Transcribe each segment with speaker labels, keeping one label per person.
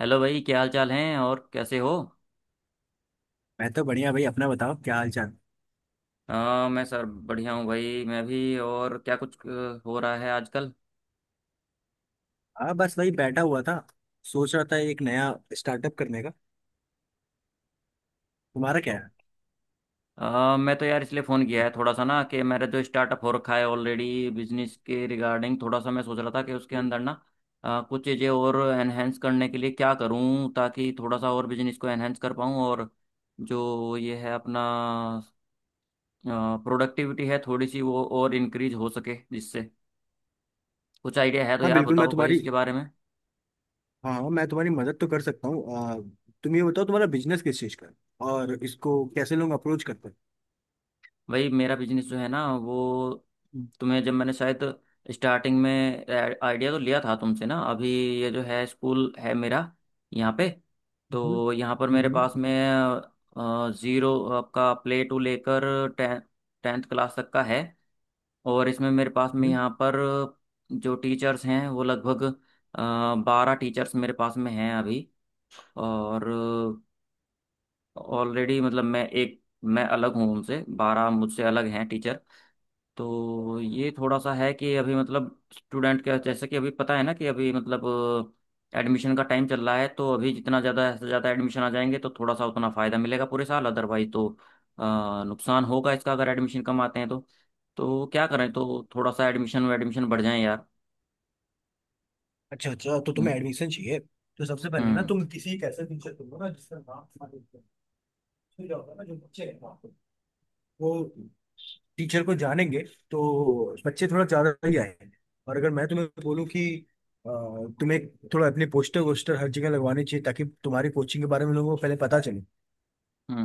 Speaker 1: Hello भाई, क्या हाल चाल हैं और कैसे हो।
Speaker 2: मैं तो बढ़िया भाई। अपना बताओ क्या हाल चाल।
Speaker 1: मैं सर बढ़िया हूँ भाई, मैं भी। और क्या कुछ हो रहा है आजकल।
Speaker 2: हाँ बस वही बैठा हुआ था। सोच रहा था एक नया स्टार्टअप करने का। तुम्हारा क्या
Speaker 1: तो
Speaker 2: है।
Speaker 1: मैं तो यार इसलिए फ़ोन किया है थोड़ा सा ना कि मेरा जो स्टार्टअप हो रखा है ऑलरेडी, बिजनेस के रिगार्डिंग थोड़ा सा मैं सोच रहा था कि उसके अंदर ना कुछ चीज़ें और एनहेंस करने के लिए क्या करूँ, ताकि थोड़ा सा और बिजनेस को एनहेंस कर पाऊँ। और जो ये है अपना प्रोडक्टिविटी है थोड़ी सी, वो और इंक्रीज हो सके, जिससे कुछ आइडिया है तो
Speaker 2: हाँ
Speaker 1: यार
Speaker 2: बिल्कुल मैं
Speaker 1: बताओ भाई
Speaker 2: तुम्हारी
Speaker 1: इसके बारे में।
Speaker 2: हाँ हाँ, मैं तुम्हारी मदद तो कर सकता हूँ। तुम ये बताओ तुम्हारा बिजनेस किस चीज़ का है और इसको कैसे लोग अप्रोच करते हैं।
Speaker 1: भाई मेरा बिजनेस जो है ना, वो तुम्हें जब मैंने शायद स्टार्टिंग में आइडिया तो लिया था तुमसे ना। अभी ये जो है स्कूल है मेरा यहाँ पे।
Speaker 2: हम्म।
Speaker 1: तो यहाँ पर मेरे
Speaker 2: हम्म।
Speaker 1: पास में ज़ीरो आपका प्ले टू लेकर टें टेंथ क्लास तक का है। और इसमें मेरे पास में
Speaker 2: हम्म।
Speaker 1: यहाँ पर जो टीचर्स हैं वो लगभग 12 टीचर्स मेरे पास में हैं अभी। और ऑलरेडी मतलब मैं, एक मैं अलग हूँ उनसे, 12 मुझसे अलग हैं टीचर। तो ये थोड़ा सा है कि अभी मतलब स्टूडेंट का, जैसे कि अभी पता है ना कि अभी मतलब एडमिशन का टाइम चल रहा है, तो अभी जितना ज़्यादा से ज़्यादा एडमिशन आ जाएंगे तो थोड़ा सा उतना फ़ायदा मिलेगा पूरे साल। अदरवाइज तो नुकसान होगा इसका अगर एडमिशन कम आते हैं तो। तो क्या करें, तो थोड़ा सा एडमिशन एडमिशन बढ़ जाए यार।
Speaker 2: अच्छा अच्छा, तो तुम्हें
Speaker 1: हम्म।
Speaker 2: एडमिशन चाहिए। तो सबसे पहले ना
Speaker 1: हम्म।
Speaker 2: तुम किसी एक ऐसे टीचर को ना जिसका नाम तुम्हारे ऊपर है। उसमें क्या होता है ना जो बच्चे हैं ना, वो टीचर को जानेंगे तो बच्चे थोड़ा ज्यादा ही आएंगे। और अगर मैं तुम्हें बोलूँ कि अ, तुम्हें थोड़ा अपने पोस्टर वोस्टर हर जगह लगवाने चाहिए ताकि तुम्हारी कोचिंग के बारे में लोगों को पहले पता चले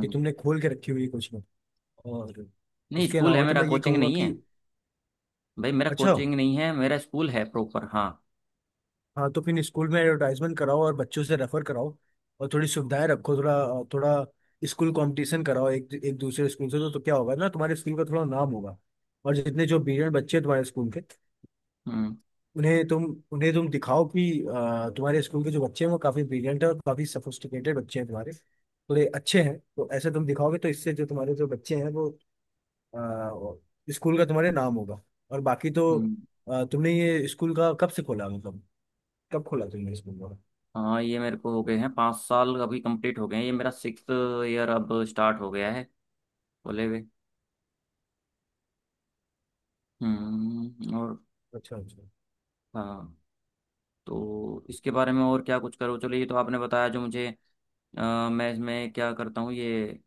Speaker 2: कि तुमने खोल के रखी हुई है कोचिंग। और
Speaker 1: नहीं
Speaker 2: इसके
Speaker 1: स्कूल है
Speaker 2: अलावा तो
Speaker 1: मेरा,
Speaker 2: मैं ये
Speaker 1: कोचिंग
Speaker 2: कहूँगा
Speaker 1: नहीं
Speaker 2: कि
Speaker 1: है। भाई मेरा
Speaker 2: अच्छा।
Speaker 1: कोचिंग नहीं है, मेरा स्कूल है प्रॉपर। हाँ।
Speaker 2: हाँ, तो फिर स्कूल में एडवर्टाइजमेंट कराओ और बच्चों से रेफर कराओ। और थोड़ी सुविधाएं रखो, थोड़ा थोड़ा स्कूल कंपटीशन कराओ एक एक दूसरे स्कूल से, तो क्या होगा ना तुम्हारे स्कूल का थोड़ा नाम होगा। और जितने जो ब्रिलियंट बच्चे हैं तुम्हारे स्कूल के
Speaker 1: हम्म।
Speaker 2: उन्हें तुम उन्हें तुम दिखाओ कि तुम्हारे स्कूल के जो बच्चे हैं वो काफी ब्रिलियंट है और काफी सोफिस्टिकेटेड बच्चे हैं तुम्हारे, थोड़े अच्छे हैं। तो ऐसे तुम दिखाओगे तो इससे जो तुम्हारे जो बच्चे हैं वो स्कूल का तुम्हारे नाम होगा। और बाकी तो
Speaker 1: हम्म।
Speaker 2: तुमने ये स्कूल का कब से खोला, मतलब कब खोला तुमने स्कूल का।
Speaker 1: हाँ, ये मेरे को हो गए हैं 5 साल, अभी कंप्लीट हो गए हैं। ये मेरा सिक्स ईयर अब स्टार्ट हो गया है बोले हुए। और।
Speaker 2: अच्छा अच्छा।
Speaker 1: हाँ। तो इसके बारे में और क्या कुछ करो। चलो ये तो आपने बताया जो मुझे। मैं इसमें क्या करता हूँ, ये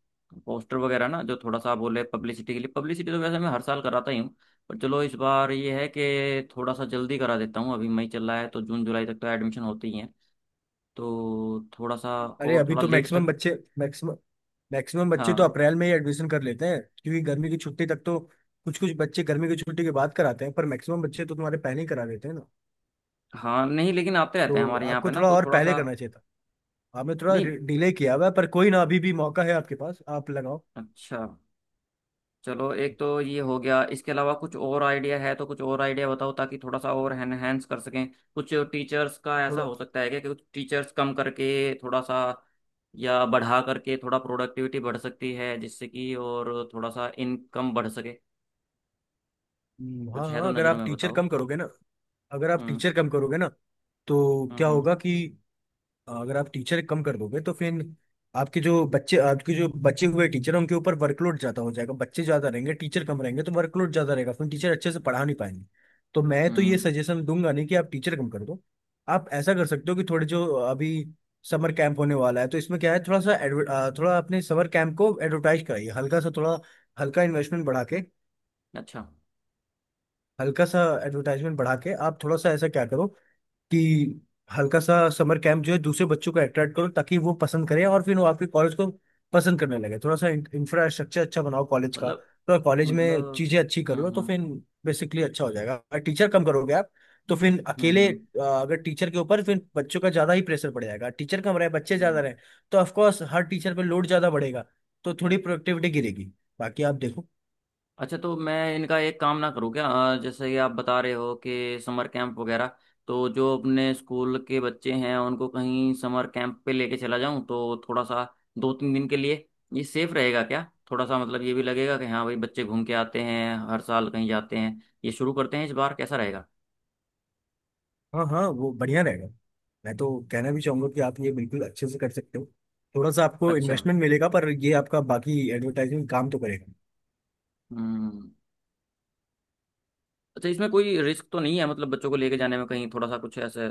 Speaker 1: पोस्टर वगैरह ना जो थोड़ा सा आप बोले, पब्लिसिटी के लिए पब्लिसिटी तो वैसे मैं हर साल कराता ही हूँ। पर चलो इस बार ये है कि थोड़ा सा जल्दी करा देता हूँ। अभी मई चल रहा है तो जून जुलाई तक तो एडमिशन होती ही है। तो थोड़ा सा
Speaker 2: अरे
Speaker 1: और
Speaker 2: अभी
Speaker 1: थोड़ा
Speaker 2: तो
Speaker 1: लेट तक।
Speaker 2: मैक्सिमम मैक्सिमम बच्चे तो
Speaker 1: हाँ।
Speaker 2: अप्रैल में ही एडमिशन कर लेते हैं, क्योंकि गर्मी की छुट्टी तक तो कुछ कुछ बच्चे गर्मी की छुट्टी के बाद कराते हैं, पर मैक्सिमम बच्चे तो तुम्हारे पहले ही करा देते हैं ना।
Speaker 1: हाँ नहीं, लेकिन आते रहते हैं
Speaker 2: तो
Speaker 1: हमारे यहाँ पे
Speaker 2: आपको
Speaker 1: ना
Speaker 2: थोड़ा
Speaker 1: तो
Speaker 2: और
Speaker 1: थोड़ा
Speaker 2: पहले
Speaker 1: सा।
Speaker 2: करना चाहिए था। आपने थोड़ा
Speaker 1: नहीं।
Speaker 2: डिले किया हुआ है, पर कोई ना, अभी भी मौका है आपके पास, आप लगाओ।
Speaker 1: अच्छा। चलो एक तो ये हो गया, इसके अलावा कुछ और आइडिया है तो कुछ और आइडिया बताओ ताकि थोड़ा सा और एनहेंस कर सकें। कुछ टीचर्स का ऐसा
Speaker 2: थोड़ा
Speaker 1: हो सकता है क्या कि कुछ टीचर्स कम करके थोड़ा सा या बढ़ा करके थोड़ा प्रोडक्टिविटी बढ़ सकती है जिससे कि और थोड़ा सा इनकम बढ़ सके।
Speaker 2: हाँ
Speaker 1: कुछ है
Speaker 2: हाँ,
Speaker 1: तो
Speaker 2: अगर
Speaker 1: नज़रों
Speaker 2: आप
Speaker 1: में
Speaker 2: टीचर
Speaker 1: बताओ।
Speaker 2: कम करोगे ना अगर आप
Speaker 1: हम्म।
Speaker 2: टीचर कम करोगे ना तो
Speaker 1: हम्म।
Speaker 2: क्या
Speaker 1: हम्म।
Speaker 2: होगा कि अगर आप टीचर कम कर दोगे तो फिर आपके जो बच्चे, आपके जो बचे हुए टीचर हैं उनके ऊपर वर्कलोड ज्यादा हो जाएगा। बच्चे ज्यादा रहेंगे, टीचर कम रहेंगे तो वर्कलोड ज्यादा रहेगा, फिर टीचर अच्छे से पढ़ा नहीं पाएंगे। तो मैं तो ये
Speaker 1: हम्म,
Speaker 2: सजेशन दूंगा नहीं कि आप टीचर कम कर दो। आप ऐसा कर सकते हो कि थोड़े जो अभी समर कैंप होने वाला है, तो इसमें क्या है, थोड़ा सा थोड़ा अपने समर कैंप को एडवर्टाइज कराइए हल्का सा। थोड़ा हल्का इन्वेस्टमेंट बढ़ा के,
Speaker 1: अच्छा।
Speaker 2: हल्का सा एडवर्टाइजमेंट बढ़ा के आप थोड़ा सा ऐसा क्या करो कि हल्का सा समर कैंप जो है दूसरे बच्चों को अट्रैक्ट करो ताकि वो पसंद करें और फिर वो आपके कॉलेज को पसंद करने लगे। थोड़ा सा इंफ्रास्ट्रक्चर अच्छा बनाओ कॉलेज का,
Speaker 1: मतलब।
Speaker 2: तो कॉलेज में
Speaker 1: मतलब।
Speaker 2: चीजें अच्छी कर
Speaker 1: हम्म।
Speaker 2: लो तो
Speaker 1: हम्म।
Speaker 2: फिर बेसिकली अच्छा हो जाएगा। अगर टीचर कम करोगे आप तो फिर
Speaker 1: हम्म।
Speaker 2: अकेले
Speaker 1: हम्म।
Speaker 2: अगर टीचर के ऊपर फिर बच्चों का ज्यादा ही प्रेशर पड़ जाएगा। टीचर कम रहे, बच्चे ज्यादा
Speaker 1: हम्म।
Speaker 2: रहे तो ऑफकोर्स हर टीचर पे लोड ज्यादा बढ़ेगा, तो थोड़ी प्रोडक्टिविटी गिरेगी। बाकी आप देखो।
Speaker 1: अच्छा तो मैं इनका एक काम ना करूँ क्या, जैसे कि आप बता रहे हो कि समर कैंप वगैरह। तो जो अपने स्कूल के बच्चे हैं उनको कहीं समर कैंप पे लेके चला जाऊं तो थोड़ा सा, 2-3 दिन के लिए, ये सेफ रहेगा क्या। थोड़ा सा मतलब ये भी लगेगा कि हाँ भाई बच्चे घूम के आते हैं, हर साल कहीं जाते हैं, ये शुरू करते हैं इस बार, कैसा रहेगा।
Speaker 2: हाँ हाँ, वो बढ़िया रहेगा। मैं तो कहना भी चाहूंगा कि आप ये बिल्कुल अच्छे से कर सकते हो। थोड़ा सा आपको
Speaker 1: अच्छा।
Speaker 2: इन्वेस्टमेंट मिलेगा, पर ये आपका बाकी एडवर्टाइजिंग काम तो करेगा।
Speaker 1: हम्म। अच्छा इसमें कोई रिस्क तो नहीं है, मतलब बच्चों को लेके जाने में कहीं थोड़ा सा कुछ ऐसे।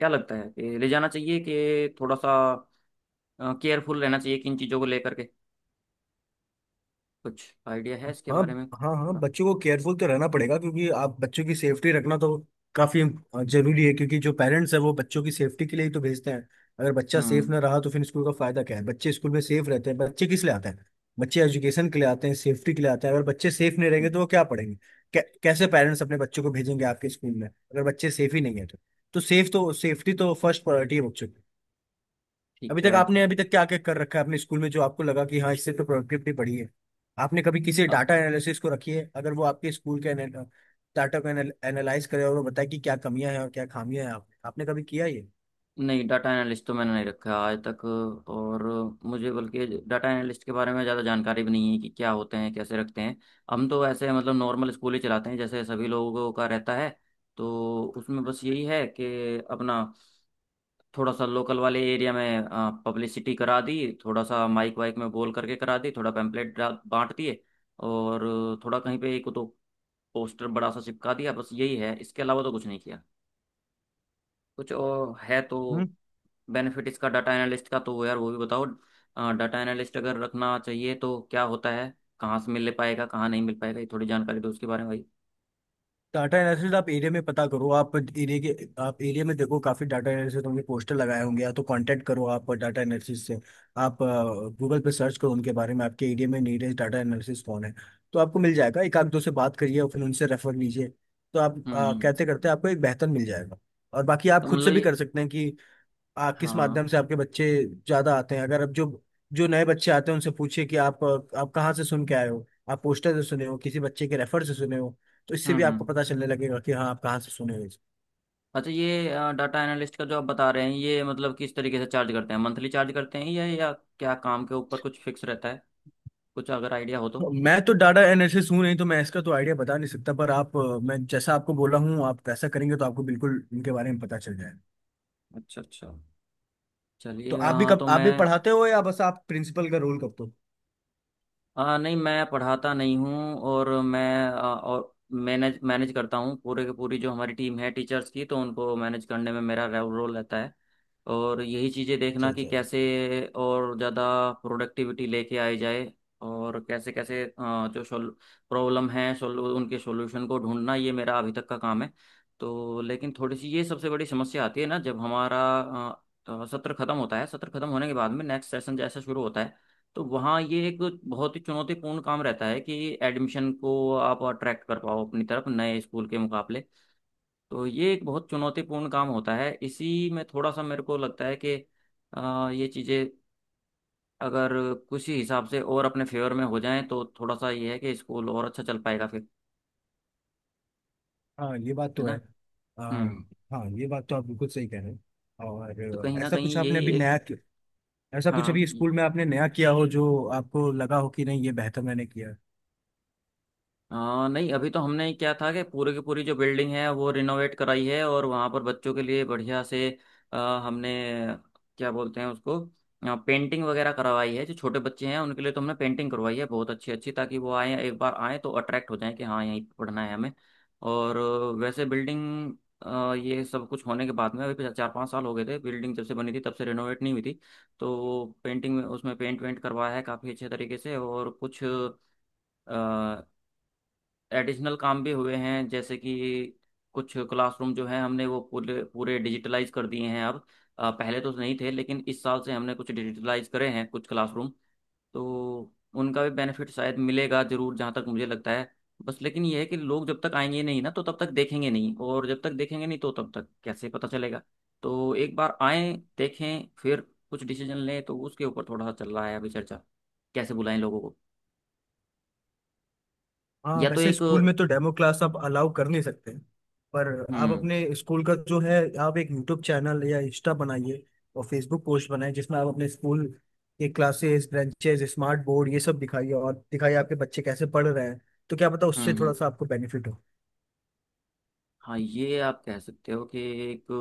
Speaker 1: क्या लगता है कि ले जाना चाहिए कि थोड़ा सा केयरफुल रहना चाहिए, किन चीज़ों को लेकर के। कुछ आइडिया है इसके
Speaker 2: हाँ।
Speaker 1: बारे में
Speaker 2: हाँ हाँ,
Speaker 1: थोड़ा।
Speaker 2: बच्चों को केयरफुल तो रहना पड़ेगा, क्योंकि आप बच्चों की सेफ्टी रखना तो काफी जरूरी है, क्योंकि जो पेरेंट्स है वो बच्चों की सेफ्टी के लिए ही तो भेजते हैं। अगर बच्चा सेफ
Speaker 1: हम्म।
Speaker 2: ना रहा तो फिर स्कूल का फायदा क्या है। बच्चे स्कूल में सेफ रहते हैं, बच्चे किस लिए आते हैं, बच्चे एजुकेशन के लिए आते हैं, सेफ्टी के लिए आते हैं। अगर बच्चे सेफ नहीं
Speaker 1: हम्म,
Speaker 2: रहेंगे तो वो क्या पढ़ेंगे, कैसे पेरेंट्स अपने बच्चों को भेजेंगे आपके स्कूल में अगर बच्चे सेफ ही नहीं है तो। सेफ्टी तो फर्स्ट प्रायोरिटी है बच्चों की।
Speaker 1: ठीक है।
Speaker 2: अभी तक क्या क्या कर रखा है अपने स्कूल में जो आपको लगा कि हाँ इससे तो प्रोडक्टिविटी बढ़ी है। आपने कभी किसी
Speaker 1: अ,
Speaker 2: डाटा एनालिसिस को रखी है अगर वो आपके स्कूल के डाटा को एनालाइज करे और वो बताए कि क्या कमियां हैं और क्या खामियां हैं, आपने कभी किया ये।
Speaker 1: नहीं डाटा एनालिस्ट तो मैंने नहीं रखा आज तक। और मुझे बल्कि डाटा एनालिस्ट के बारे में ज़्यादा जानकारी भी नहीं है कि क्या होते हैं, कैसे रखते हैं। हम तो ऐसे मतलब नॉर्मल स्कूल ही चलाते हैं जैसे सभी लोगों का रहता है। तो उसमें बस यही है कि अपना थोड़ा सा लोकल वाले एरिया में पब्लिसिटी करा दी, थोड़ा सा माइक वाइक में बोल करके करा दी, थोड़ा पैम्पलेट बांट दिए, और थोड़ा कहीं पे एक दो पोस्टर बड़ा सा चिपका दिया, बस यही है। इसके अलावा तो कुछ नहीं किया। कुछ और है तो, बेनिफिट इसका डाटा एनालिस्ट का, तो वो यार वो भी बताओ। डाटा एनालिस्ट अगर रखना चाहिए तो क्या होता है, कहाँ से मिल पाएगा, कहाँ नहीं मिल पाएगा, ये थोड़ी जानकारी दो उसके बारे में भाई।
Speaker 2: डाटा एनालिसिस आप एरिया में पता करो। आप एरिया में देखो काफी डाटा एनालिसिस होंगे, पोस्टर लगाए होंगे, या तो कांटेक्ट करो आप डाटा एनालिसिस से। आप गूगल पे सर्च करो उनके बारे में, आपके एरिया में नीडेस्ट डाटा एनालिसिस कौन है, तो आपको मिल जाएगा। एक आध दो से बात करिए और फिर उनसे रेफर लीजिए, तो आप
Speaker 1: हम्म। हम्म।
Speaker 2: कहते करते आपको एक बेहतर मिल जाएगा। और बाकी आप
Speaker 1: तो
Speaker 2: खुद से
Speaker 1: मतलब
Speaker 2: भी
Speaker 1: ये।
Speaker 2: कर सकते हैं कि किस
Speaker 1: हाँ।
Speaker 2: माध्यम से आपके बच्चे ज्यादा आते हैं। अगर अब जो जो नए बच्चे आते हैं उनसे पूछिए कि आप कहाँ से सुन के आए हो, आप पोस्टर से सुने हो, किसी बच्चे के रेफर से सुने हो, तो इससे
Speaker 1: हम्म।
Speaker 2: भी आपको
Speaker 1: हम्म।
Speaker 2: पता चलने लगेगा कि हाँ, आप कहाँ से सुने हो इसे।
Speaker 1: अच्छा ये डाटा एनालिस्ट का जो आप बता रहे हैं, ये मतलब किस तरीके से चार्ज करते हैं, मंथली चार्ज करते हैं या क्या काम के ऊपर कुछ फिक्स रहता है। कुछ अगर आइडिया हो तो।
Speaker 2: मैं तो डाटा एनालिसिस हूँ नहीं, तो मैं इसका तो आइडिया बता नहीं सकता, पर आप मैं जैसा आपको बोला हूँ आप वैसा करेंगे तो आपको बिल्कुल इनके बारे में पता चल जाएगा।
Speaker 1: अच्छा अच्छा।
Speaker 2: तो
Speaker 1: चलिए।
Speaker 2: आप भी
Speaker 1: हाँ
Speaker 2: कब,
Speaker 1: तो
Speaker 2: आप भी
Speaker 1: मैं,
Speaker 2: पढ़ाते हो या बस आप प्रिंसिपल का रोल करते हो।
Speaker 1: नहीं मैं पढ़ाता नहीं हूँ। और मैं और मैनेज मैनेज करता हूँ। पूरे के पूरी जो हमारी टीम है टीचर्स की, तो उनको मैनेज करने में मेरा रोल रहता है। और यही चीज़ें
Speaker 2: अच्छा
Speaker 1: देखना कि
Speaker 2: अच्छा।
Speaker 1: कैसे और ज़्यादा प्रोडक्टिविटी लेके आई जाए, और कैसे कैसे जो सोल प्रॉब्लम है, सोल उनके सॉल्यूशन को ढूंढना, ये मेरा अभी तक का काम है। तो लेकिन थोड़ी सी ये सबसे बड़ी समस्या आती है ना जब हमारा आ, आ, सत्र खत्म होता है, सत्र खत्म होने के बाद में नेक्स्ट सेशन जैसा शुरू होता है, तो वहाँ ये एक बहुत ही चुनौतीपूर्ण काम रहता है कि एडमिशन को आप अट्रैक्ट कर पाओ अपनी तरफ नए स्कूल के मुकाबले। तो ये एक बहुत चुनौतीपूर्ण काम होता है। इसी में थोड़ा सा मेरे को लगता है कि ये चीज़ें अगर किसी हिसाब से और अपने फेवर में हो जाएं तो थोड़ा सा ये है कि स्कूल और अच्छा चल पाएगा फिर।
Speaker 2: हाँ ये बात
Speaker 1: है
Speaker 2: तो है।
Speaker 1: ना।
Speaker 2: आ,
Speaker 1: हम्म।
Speaker 2: हाँ ये बात तो आप बिल्कुल सही कह रहे हैं। और
Speaker 1: तो कहीं
Speaker 2: अ,
Speaker 1: ना
Speaker 2: ऐसा कुछ
Speaker 1: कहीं
Speaker 2: आपने
Speaker 1: यही
Speaker 2: अभी
Speaker 1: एक।
Speaker 2: नया कि- ऐसा कुछ अभी
Speaker 1: हाँ।
Speaker 2: स्कूल में आपने नया किया हो जो आपको लगा हो कि नहीं ये बेहतर मैंने किया।
Speaker 1: नहीं अभी तो हमने क्या था कि पूरे की पूरी जो बिल्डिंग है वो रिनोवेट कराई है, और वहाँ पर बच्चों के लिए बढ़िया से हमने, क्या बोलते हैं उसको, पेंटिंग वगैरह करवाई है। जो छोटे बच्चे हैं उनके लिए तो हमने पेंटिंग करवाई है बहुत अच्छी अच्छी, ताकि वो आए, एक बार आए तो अट्रैक्ट हो जाए कि हाँ यहीं पढ़ना है हमें। और वैसे बिल्डिंग, ये सब कुछ होने के बाद में, अभी पिछले 4-5 साल हो गए थे बिल्डिंग जब से बनी थी, तब से रिनोवेट नहीं हुई थी। तो पेंटिंग में उसमें पेंट वेंट करवाया है काफ़ी अच्छे तरीके से, और कुछ एडिशनल काम भी हुए हैं, जैसे कि कुछ क्लासरूम जो है हमने वो पूरे पूरे डिजिटलाइज कर दिए हैं अब। पहले तो नहीं थे लेकिन इस साल से हमने कुछ डिजिटलाइज करे हैं कुछ क्लासरूम। तो उनका भी बेनिफिट शायद मिलेगा जरूर, जहाँ तक मुझे लगता है। बस लेकिन ये है कि लोग जब तक आएंगे नहीं ना तो तब तक देखेंगे नहीं, और जब तक देखेंगे नहीं तो तब तक कैसे पता चलेगा। तो एक बार आए, देखें, फिर कुछ डिसीजन लें, तो उसके ऊपर थोड़ा सा चल रहा है अभी चर्चा, कैसे बुलाएं लोगों को।
Speaker 2: हाँ
Speaker 1: या तो
Speaker 2: वैसे
Speaker 1: एक।
Speaker 2: स्कूल में तो डेमो क्लास आप अलाउ कर नहीं सकते, पर आप
Speaker 1: हम्म।
Speaker 2: अपने स्कूल का जो है, आप एक यूट्यूब चैनल या इंस्टा बनाइए और फेसबुक पोस्ट बनाइए जिसमें आप अपने स्कूल के क्लासेस, ब्रांचेस, स्मार्ट बोर्ड ये सब दिखाइए और दिखाइए आपके बच्चे कैसे पढ़ रहे हैं। तो क्या पता
Speaker 1: हम्म।
Speaker 2: उससे थोड़ा
Speaker 1: हम्म।
Speaker 2: सा आपको बेनिफिट हो।
Speaker 1: हाँ ये आप कह सकते हो कि एक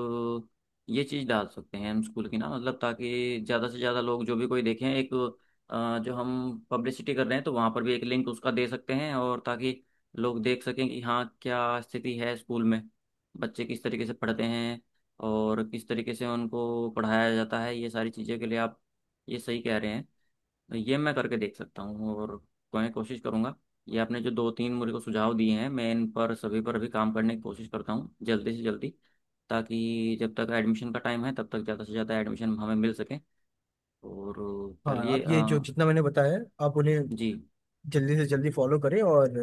Speaker 1: ये चीज़ डाल सकते हैं हम स्कूल की ना, मतलब ताकि ज़्यादा से ज़्यादा लोग जो भी कोई देखें एक, जो हम पब्लिसिटी कर रहे हैं तो वहाँ पर भी एक लिंक उसका दे सकते हैं, और ताकि लोग देख सकें कि हाँ क्या स्थिति है स्कूल में, बच्चे किस तरीके से पढ़ते हैं और किस तरीके से उनको पढ़ाया जाता है, ये सारी चीज़ों के लिए आप ये सही कह रहे हैं। तो ये मैं करके देख सकता हूँ, और मैं कोशिश करूंगा। ये आपने जो दो तीन मुझे को सुझाव दिए हैं, मैं इन पर सभी पर भी काम करने की कोशिश करता हूँ जल्दी से जल्दी, ताकि जब तक एडमिशन का टाइम है तब तक ज़्यादा से ज़्यादा एडमिशन हमें मिल सके। और
Speaker 2: हाँ आप
Speaker 1: चलिए।
Speaker 2: ये जो जितना मैंने बताया, आप उन्हें
Speaker 1: जी।
Speaker 2: जल्दी से जल्दी फॉलो करें और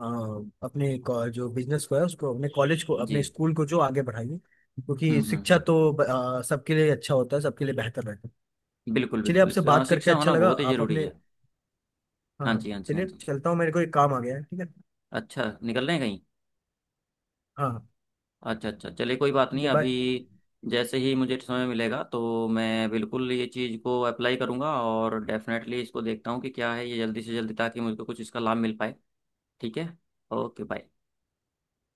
Speaker 2: अ, जो बिजनेस को है उसको, अपने कॉलेज को,
Speaker 1: जी।
Speaker 2: अपने स्कूल को जो आगे बढ़ाइए, क्योंकि
Speaker 1: हम्म। हम्म।
Speaker 2: शिक्षा
Speaker 1: हम्म।
Speaker 2: तो सबके लिए अच्छा होता है, सबके लिए बेहतर रहता है।
Speaker 1: बिल्कुल
Speaker 2: चलिए
Speaker 1: बिल्कुल।
Speaker 2: आपसे बात करके
Speaker 1: शिक्षा
Speaker 2: अच्छा
Speaker 1: होना
Speaker 2: लगा।
Speaker 1: बहुत ही
Speaker 2: आप
Speaker 1: ज़रूरी
Speaker 2: अपने
Speaker 1: है।
Speaker 2: हाँ
Speaker 1: हाँ
Speaker 2: हाँ,
Speaker 1: जी, हाँ जी, हाँ
Speaker 2: चलिए
Speaker 1: जी।
Speaker 2: चलता हूँ, मेरे को एक काम आ गया है। ठीक है।
Speaker 1: अच्छा निकल रहे हैं कहीं।
Speaker 2: हाँ हाँ।
Speaker 1: अच्छा अच्छा, चलिए कोई बात
Speaker 2: ठीक
Speaker 1: नहीं
Speaker 2: है,
Speaker 1: अभी।
Speaker 2: बाय।
Speaker 1: जैसे ही मुझे समय मिलेगा तो मैं बिल्कुल ये चीज़ को अप्लाई करूंगा और डेफिनेटली इसको देखता हूँ कि क्या है ये जल्दी से जल्दी, ताकि मुझको कुछ इसका लाभ मिल पाए। ठीक है। Okay bye.